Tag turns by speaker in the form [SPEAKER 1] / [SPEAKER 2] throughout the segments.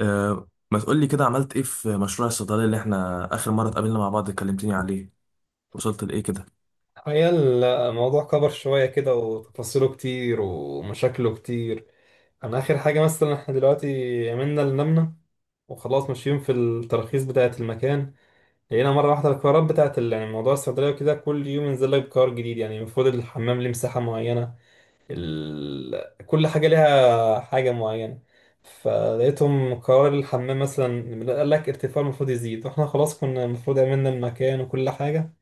[SPEAKER 1] أه، ما تقول لي كده، عملت ايه في مشروع الصيدلية اللي احنا اخر مرة اتقابلنا مع بعض اتكلمتني عليه؟ وصلت لايه كده؟
[SPEAKER 2] هي، الموضوع كبر شوية كده وتفاصيله كتير ومشاكله كتير. أنا آخر حاجة مثلا إحنا دلوقتي عملنا اللي نمنا وخلاص ماشيين في التراخيص بتاعة المكان. لقينا مرة واحدة القرارات بتاعة يعني موضوع الصيدلية وكده، كل يوم ينزل لك قرار جديد. يعني المفروض الحمام ليه مساحة معينة، كل حاجة ليها حاجة معينة. فلقيتهم قرار الحمام مثلا قال لك ارتفاع المفروض يزيد، واحنا خلاص كنا المفروض عملنا المكان وكل حاجة.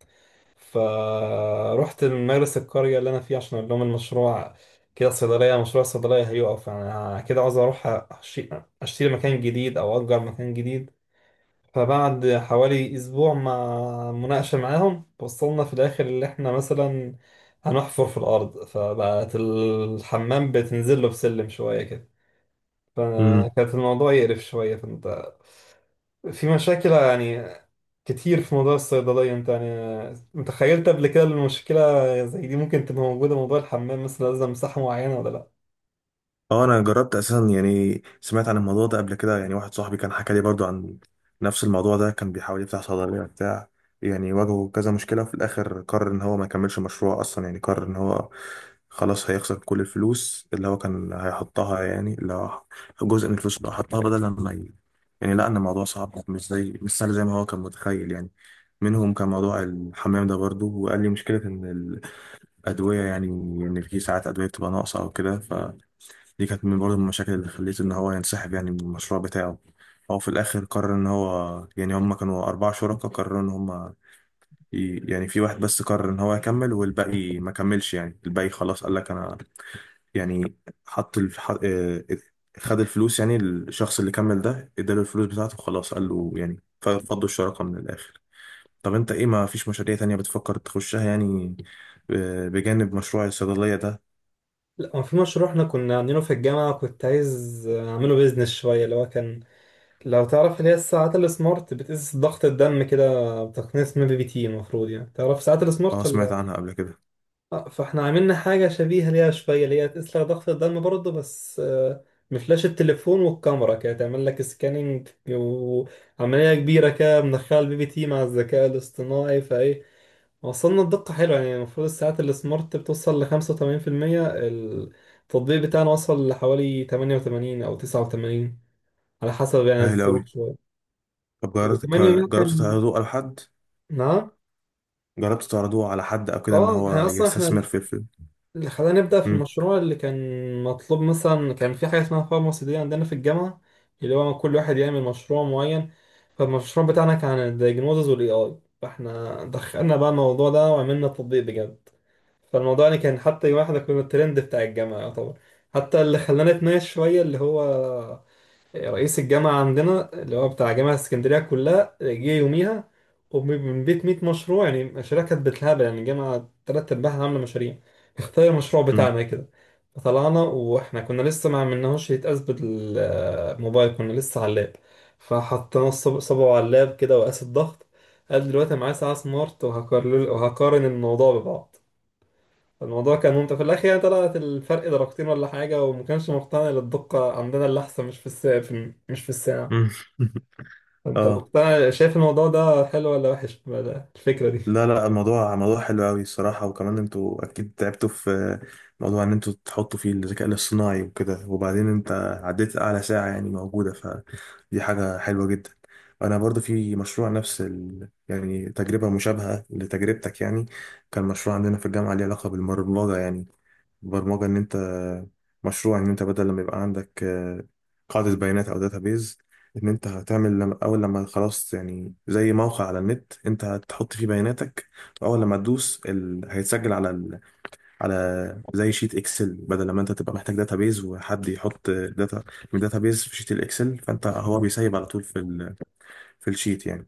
[SPEAKER 2] فروحت المدرسة القرية اللي أنا فيها عشان أقول لهم المشروع كده، صيدلية مشروع الصيدلية هيقف، أنا كده عاوز أروح أشي- أشتري مكان جديد أو أجر مكان جديد. فبعد حوالي أسبوع مع مناقشة معاهم، وصلنا في الآخر اللي إحنا مثلا هنحفر في الأرض، فبقت الحمام بتنزل له بسلم شوية كده. فكانت الموضوع يقرف شوية، فأنت في مشاكل يعني كتير في موضوع الصيدلية. انت يعني متخيلت قبل كده إن المشكلة زي دي ممكن تبقى موجودة؟ موضوع الحمام مثلا لازم مساحة معينة ولا لا.
[SPEAKER 1] اه، انا جربت اساسا، يعني سمعت عن الموضوع ده قبل كده، يعني واحد صاحبي كان حكى لي برضو عن نفس الموضوع ده. كان بيحاول يفتح صيدليه بتاع، يعني واجهه كذا مشكله، وفي الاخر قرر ان هو ما يكملش مشروع اصلا، يعني قرر ان هو خلاص هيخسر كل الفلوس اللي هو كان هيحطها، يعني اللي هو جزء من الفلوس اللي حطها بدل ما يعني، لا، ان الموضوع صعب، مش زي مش سهل زي ما هو كان متخيل يعني. منهم كان موضوع الحمام ده برضو، وقال لي مشكلة إن الأدوية يعني، إن في ساعات أدوية بتبقى ناقصة أو كده. دي كانت من برضه من المشاكل اللي خليته ان هو ينسحب يعني من المشروع بتاعه. هو في الاخر قرر ان هو، يعني هم كانوا اربع شركاء، قرروا ان هم يعني في واحد بس قرر ان هو يكمل، والباقي ما كملش، يعني الباقي خلاص قال لك انا، يعني حط الف... ح- آه، خد الفلوس، يعني الشخص اللي كمل ده اداله الفلوس بتاعته، خلاص قال له يعني فضوا الشراكة من الاخر. طب انت ايه، ما فيش مشاريع تانية بتفكر تخشها يعني؟ بجانب مشروع الصيدلية ده؟
[SPEAKER 2] لا، هو في مشروع احنا كنا عاملينه في الجامعة كنت عايز اعمله بيزنس شوية اللي هو كان، لو تعرف اللي هي الساعات السمارت بتقيس ضغط الدم كده بتقنية اسمها بي بي تي. المفروض يعني تعرف ساعات
[SPEAKER 1] اه،
[SPEAKER 2] السمارت
[SPEAKER 1] سمعت
[SPEAKER 2] ولا؟
[SPEAKER 1] عنها قبل كده.
[SPEAKER 2] فاحنا عملنا حاجة شبيهة ليها شوية اللي هي تسلق ضغط الدم برضه، بس بفلاش التليفون والكاميرا كده تعمل لك سكاننج وعملية كبيرة كده، مدخلة البي بي تي مع الذكاء الاصطناعي. فايه، وصلنا الدقة حلوة يعني. المفروض الساعات السمارت بتوصل لخمسة وتمانين في المية، التطبيق بتاعنا وصل لحوالي 88 أو 89، على حسب يعني
[SPEAKER 1] هايل
[SPEAKER 2] الظروف
[SPEAKER 1] اوي.
[SPEAKER 2] شوية.
[SPEAKER 1] طب جربت
[SPEAKER 2] وكمان يوميها
[SPEAKER 1] جربت
[SPEAKER 2] كان،
[SPEAKER 1] تعرضوه على حد؟
[SPEAKER 2] نعم
[SPEAKER 1] جربت تعرضوه على حد او كده ان
[SPEAKER 2] اه
[SPEAKER 1] هو
[SPEAKER 2] احنا اصلا
[SPEAKER 1] يستثمر
[SPEAKER 2] احنا
[SPEAKER 1] في الفيلم؟
[SPEAKER 2] اللي خلاني أبدأ في
[SPEAKER 1] مم.
[SPEAKER 2] المشروع اللي كان مطلوب مثلا، كان في حاجة اسمها فارماسي دي عندنا في الجامعة، اللي هو كل واحد يعمل مشروع معين. فالمشروع بتاعنا كان عن الدياجنوزز والاي اي، فاحنا دخلنا بقى الموضوع ده وعملنا تطبيق بجد. فالموضوع يعني كان، حتى يوم احنا كنا الترند بتاع الجامعة يعتبر. حتى اللي خلانا نتناقش شوية اللي هو رئيس الجامعة عندنا اللي هو بتاع جامعة اسكندرية كلها جه يوميها، ومن بيت 100 مشروع يعني، مشاريع كانت بالهبل يعني، الجامعة تلات أرباعها عاملة مشاريع، اختار المشروع
[SPEAKER 1] مم.
[SPEAKER 2] بتاعنا كده. فطلعنا وإحنا كنا لسه ما عملناهوش يتقاس بالموبايل، كنا لسه على اللاب. فحطينا صبعه على اللاب كده وقاس الضغط. قال دلوقتي أنا معايا ساعة سمارت وهقارن، وهقارن الموضوع ببعض. الموضوع كان ممتع في الاخر يعني، طلعت الفرق درجتين ولا حاجه، وما كانش مقتنع إن الدقه عندنا اللي احسن مش في الساعه، في مش في الساعه.
[SPEAKER 1] مم.
[SPEAKER 2] انت
[SPEAKER 1] اه،
[SPEAKER 2] مقتنع، شايف الموضوع ده حلو ولا وحش بقى الفكره دي؟
[SPEAKER 1] لا لا، الموضوع موضوع حلو قوي الصراحة، وكمان انتوا اكيد تعبتوا في موضوع ان انتوا تحطوا فيه الذكاء الاصطناعي وكده، وبعدين انت عديت اعلى ساعة يعني موجودة، فدي حاجة حلوة جدا. انا برضو في مشروع نفس يعني تجربة مشابهة لتجربتك يعني. كان مشروع عندنا في الجامعة ليه علاقة بالبرمجة، يعني البرمجة إن أنت مشروع إن أنت بدل لما يبقى عندك قاعدة بيانات أو داتابيز، إن أنت هتعمل لما أول لما خلاص، يعني زي موقع على النت، أنت هتحط فيه بياناتك، وأول لما تدوس هيتسجل على على زي شيت إكسل، بدل لما أنت تبقى محتاج داتابيز وحد يحط داتا من داتابيز في شيت الإكسل، فأنت هو بيسيب على طول في في الشيت يعني.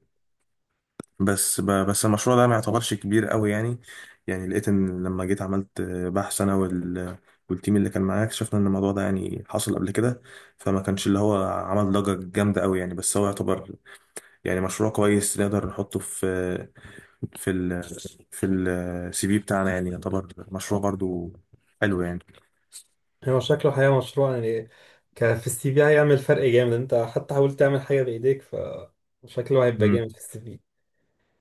[SPEAKER 1] بس بس المشروع ده ما يعتبرش كبير قوي يعني. يعني لقيت ان لما جيت عملت بحث انا والتيم اللي كان معايا، اكتشفنا ان الموضوع ده يعني حصل قبل كده، فما كانش اللي هو عمل ضجة جامدة قوي يعني، بس هو يعتبر يعني مشروع كويس نقدر نحطه في ال... في CV بتاعنا، يعني يعتبر مشروع برضو حلو يعني.
[SPEAKER 2] هو شكله حقيقه مشروع يعني، ك في السي في هيعمل فرق جامد، انت حتى حاولت تعمل حاجه بايديك، فشكله هيبقى جامد في السي في.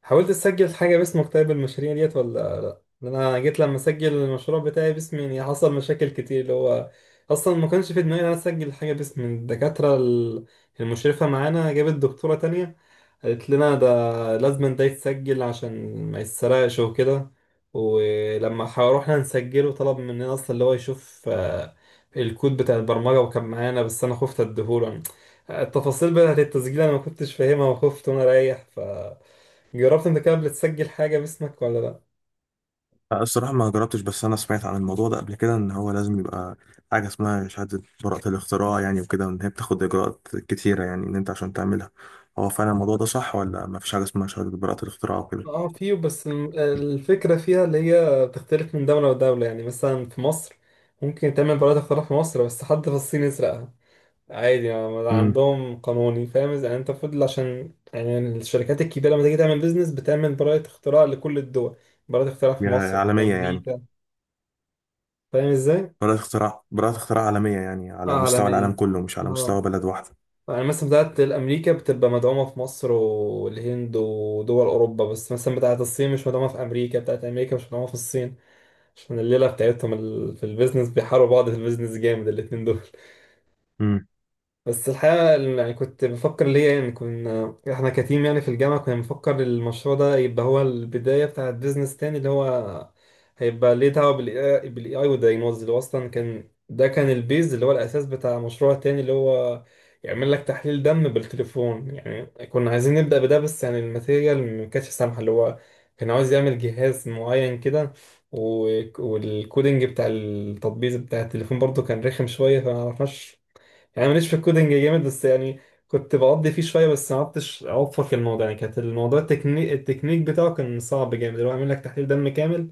[SPEAKER 2] حاولت تسجل حاجة باسمك طيب المشاريع ديت ولا لا؟ لأن أنا جيت لما أسجل المشروع بتاعي باسمي يعني حصل مشاكل كتير اللي هو، أصلا ما كانش في دماغي إن أنا أسجل حاجة باسم الدكاترة المشرفة معانا جابت دكتورة تانية. قالت لنا ده لازم ده يتسجل عشان ما يتسرقش وكده. ولما روحنا نسجله، طلب مننا اصلا اللي هو يشوف الكود بتاع البرمجة، وكان معانا بس انا خفت اديهوله. التفاصيل بتاعت التسجيل انا ما كنتش فاهمها وخفت وانا رايح، ف جربت انت كده بتسجل حاجة باسمك ولا لا؟
[SPEAKER 1] لا، الصراحة ما جربتش، بس أنا سمعت عن الموضوع ده قبل كده إن هو لازم يبقى حاجة اسمها شهادة براءة الاختراع، يعني وكده، وإن هي بتاخد إجراءات كتيرة يعني إن أنت عشان تعملها. هو فعلا الموضوع ده صح، ولا ما فيش حاجة اسمها شهادة براءة الاختراع وكده؟
[SPEAKER 2] اه في، بس الفكرة فيها اللي هي بتختلف من دولة لدولة يعني. مثلا في مصر ممكن تعمل براءة اختراع في مصر، بس حد في الصين يسرقها عادي يعني،
[SPEAKER 1] امم.
[SPEAKER 2] عندهم قانوني فاهم إذا يعني. انت المفروض، عشان يعني الشركات الكبيره لما تيجي تعمل بيزنس بتعمل براءه اختراع لكل الدول. براءه اختراع في
[SPEAKER 1] يعني
[SPEAKER 2] مصر، في
[SPEAKER 1] عالمية يعني؟
[SPEAKER 2] امريكا. فاهم ازاي؟
[SPEAKER 1] براءة اختراع، براءة اختراع عالمية، يعني على
[SPEAKER 2] اه
[SPEAKER 1] مستوى
[SPEAKER 2] علنيه.
[SPEAKER 1] العالم كله، مش على
[SPEAKER 2] اه،
[SPEAKER 1] مستوى بلد واحدة.
[SPEAKER 2] يعني مثلا بتاعت الامريكا بتبقى مدعومه في مصر والهند ودول اوروبا، بس مثلا بتاعت الصين مش مدعومه في امريكا، بتاعت امريكا مش مدعومه في الصين. عشان الليله بتاعتهم في البيزنس بيحاربوا بعض في البيزنس جامد الاتنين دول.
[SPEAKER 1] امم.
[SPEAKER 2] بس الحقيقة يعني كنت بفكر ليه يعني. كنا احنا كتيم يعني في الجامعة، كنا بنفكر المشروع ده يبقى هو البداية بتاعة بيزنس تاني، اللي هو هيبقى ليه دعوة بالاي اي والدايجنوز، اللي هو اصلا كان ده كان البيز اللي هو الاساس بتاع مشروع تاني، اللي هو يعمل لك تحليل دم بالتليفون يعني. كنا عايزين نبدأ بده بس يعني الماتيريال ما كانتش سامحة، اللي هو كان عاوز يعمل جهاز معين كده، و- والكودينج بتاع التطبيق بتاع التليفون برضه كان رخم شوية فما عرفناش. يعني ماليش في الكودينج جامد بس يعني، كنت بقضي فيه شويه بس ما عرفتش اوفق الموضوع يعني. كانت الموضوع التكنيك، بتاعه كان صعب جامد اللي هو عامل لك تحليل دم كامل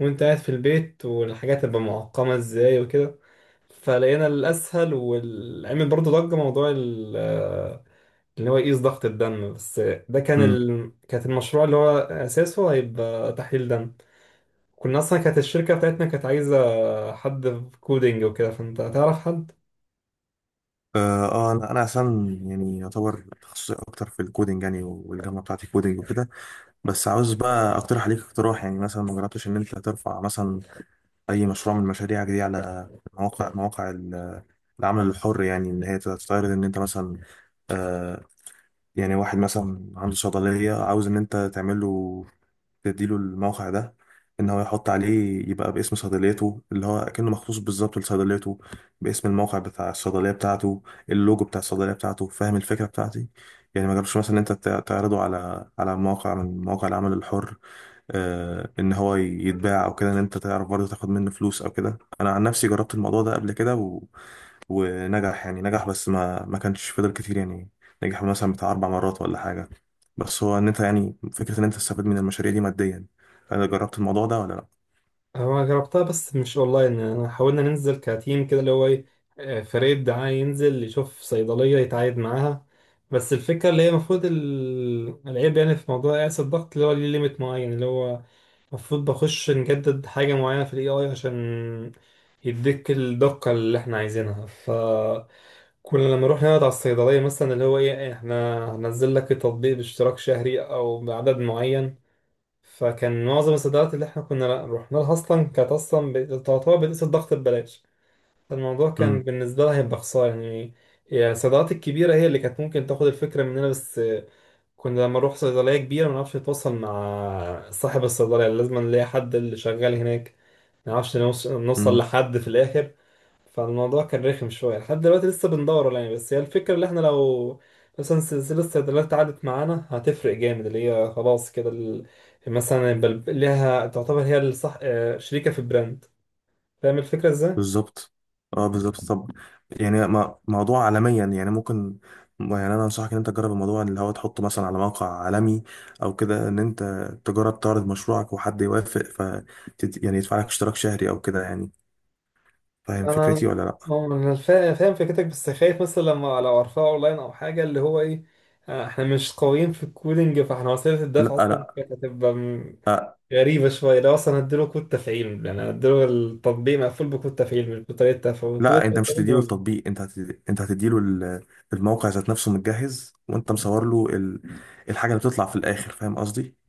[SPEAKER 2] وانت قاعد في البيت، والحاجات تبقى معقمه ازاي وكده. فلقينا الاسهل والعمل برضه ضجه موضوع اللي هو يقيس ضغط الدم بس. ده كان
[SPEAKER 1] امم.
[SPEAKER 2] كانت المشروع اللي هو اساسه هيبقى تحليل دم. كنا اصلا كانت الشركه بتاعتنا كانت عايزه حد في كودينج وكده، فانت تعرف حد؟
[SPEAKER 1] آه، أنا أصلا يعني يعتبر تخصصي أكتر في الكودينج يعني، والجامعة بتاعتي كودينج وكده. بس عاوز بقى أقترح عليك اقتراح، يعني مثلا ما جربتش إن أنت ترفع مثلا اي مشروع من المشاريع دي على مواقع العمل الحر، يعني ان هي تستعرض ان انت مثلا آه يعني واحد مثلا عنده صيدليه، عاوز ان انت تعمل له تديله الموقع ده، ان هو يحط عليه يبقى باسم صيدليته، اللي هو كأنه مخصوص بالظبط لصيدليته، باسم الموقع بتاع الصيدليه بتاعته، اللوجو بتاع الصيدليه بتاعته. فاهم الفكره بتاعتي؟ يعني ما جربش مثلا إن انت تعرضه على موقع من مواقع العمل الحر، ان هو يتباع او كده، ان انت تعرف برضه تاخد منه فلوس او كده. انا عن نفسي جربت الموضوع ده قبل كده ونجح يعني، نجح، بس ما كانش فضل كتير يعني. نجح مثلا بتاع اربع مرات ولا حاجه، بس هو ان انت يعني فكره ان انت تستفيد من المشاريع دي ماديا. انا جربت الموضوع ده ولا لا؟
[SPEAKER 2] هو جربتها بس مش اونلاين يعني، أنا حاولنا ننزل كتيم كده اللي هو ايه، فريق دعاية ينزل يشوف صيدلية يتعايد معاها. بس الفكرة اللي هي المفروض العيب يعني في موضوع قياس الضغط اللي هو ليه ليميت معين، اللي هو المفروض بخش نجدد حاجة معينة في الاي اي عشان يديك الدقة اللي احنا عايزينها. فكنا لما نروح نقعد على الصيدلية مثلا اللي هو ايه، احنا هنزل لك التطبيق باشتراك شهري او بعدد معين. فكان معظم الصيدليات اللي احنا كنا رحنا لها اصلا كانت اصلا تعتبر بتقيس الضغط ببلاش. فالموضوع كان بالنسبه لها هيبقى خساره يعني. يعني الصيدليات الكبيره هي اللي كانت ممكن تاخد الفكره مننا، بس كنا لما نروح صيدليه كبيره ما نعرفش نتواصل مع صاحب الصيدليه، لازم نلاقي حد اللي شغال هناك، ما نعرفش نوصل
[SPEAKER 1] امم.
[SPEAKER 2] لحد في الاخر. فالموضوع كان رخم شوية، لحد دلوقتي لسه بندور يعني. بس هي الفكرة اللي احنا لو مثلا سلسلة الصيدليات عدت معانا هتفرق جامد، اللي هي خلاص كده مثلا يبقى ليها، تعتبر هي الصح شريكة في البراند. فاهم الفكرة ازاي؟
[SPEAKER 1] بالظبط. اه، بالظبط. طب يعني موضوع عالميا يعني ممكن، يعني انا انصحك ان انت تجرب الموضوع اللي هو تحطه مثلا على موقع عالمي، او كده ان انت تجرب تعرض مشروعك، وحد يوافق، ف يعني يدفع لك اشتراك شهري او كده يعني. فاهم فكرتي
[SPEAKER 2] انا
[SPEAKER 1] ولا لا؟
[SPEAKER 2] انا فاهم فكرتك بس خايف مثلا لما لو ارفعه اونلاين او حاجة اللي هو ايه، احنا مش قويين في الكودينج. فاحنا وسيلة
[SPEAKER 1] لا،
[SPEAKER 2] الدفع اصلا
[SPEAKER 1] لا،
[SPEAKER 2] كانت هتبقى
[SPEAKER 1] لا،
[SPEAKER 2] غريبة شوية، ده أصلا هديله كود تفعيل يعني، هديله التطبيق مقفول بكود تفعيل مش بطريقة تفعيل، كود
[SPEAKER 1] لا انت مش
[SPEAKER 2] التفعيل
[SPEAKER 1] هتديله
[SPEAKER 2] بيقول.
[SPEAKER 1] التطبيق، انت انت هتديله الموقع ذات نفسه متجهز، وانت مصور له الحاجه اللي بتطلع في الاخر. فاهم قصدي؟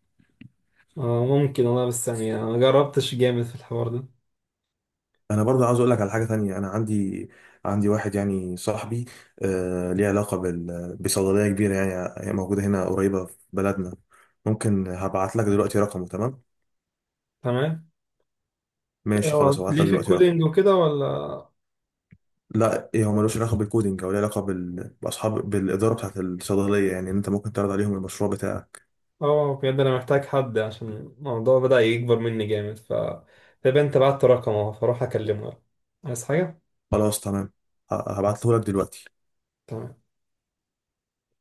[SPEAKER 2] آه ممكن والله، بس يعني أنا ما جربتش جامد في الحوار ده.
[SPEAKER 1] انا برضه عاوز اقول لك على حاجه تانية. انا عندي، واحد يعني صاحبي، آه، ليه علاقه بصيدليه كبيره يعني، هي موجوده هنا قريبه في بلدنا. ممكن هبعت لك دلوقتي رقمه، تمام؟
[SPEAKER 2] تمام.
[SPEAKER 1] ماشي،
[SPEAKER 2] هو
[SPEAKER 1] خلاص، هبعت
[SPEAKER 2] ليه
[SPEAKER 1] لك
[SPEAKER 2] في
[SPEAKER 1] دلوقتي رقم.
[SPEAKER 2] الكودينج وكده ولا؟
[SPEAKER 1] لا، إيه، هو ملوش علاقه بالكودينج، او ليه علاقه بالاداره بتاعت الصيدليه، يعني انت ممكن تعرض عليهم المشروع بتاعك.
[SPEAKER 2] اه بجد أنا محتاج حد عشان الموضوع بدأ يكبر مني جامد، ف طب أنت بعت رقمه فأروح أكلمه. عايز حاجة؟
[SPEAKER 1] خلاص، تمام. هبعته لك دلوقتي.
[SPEAKER 2] تمام.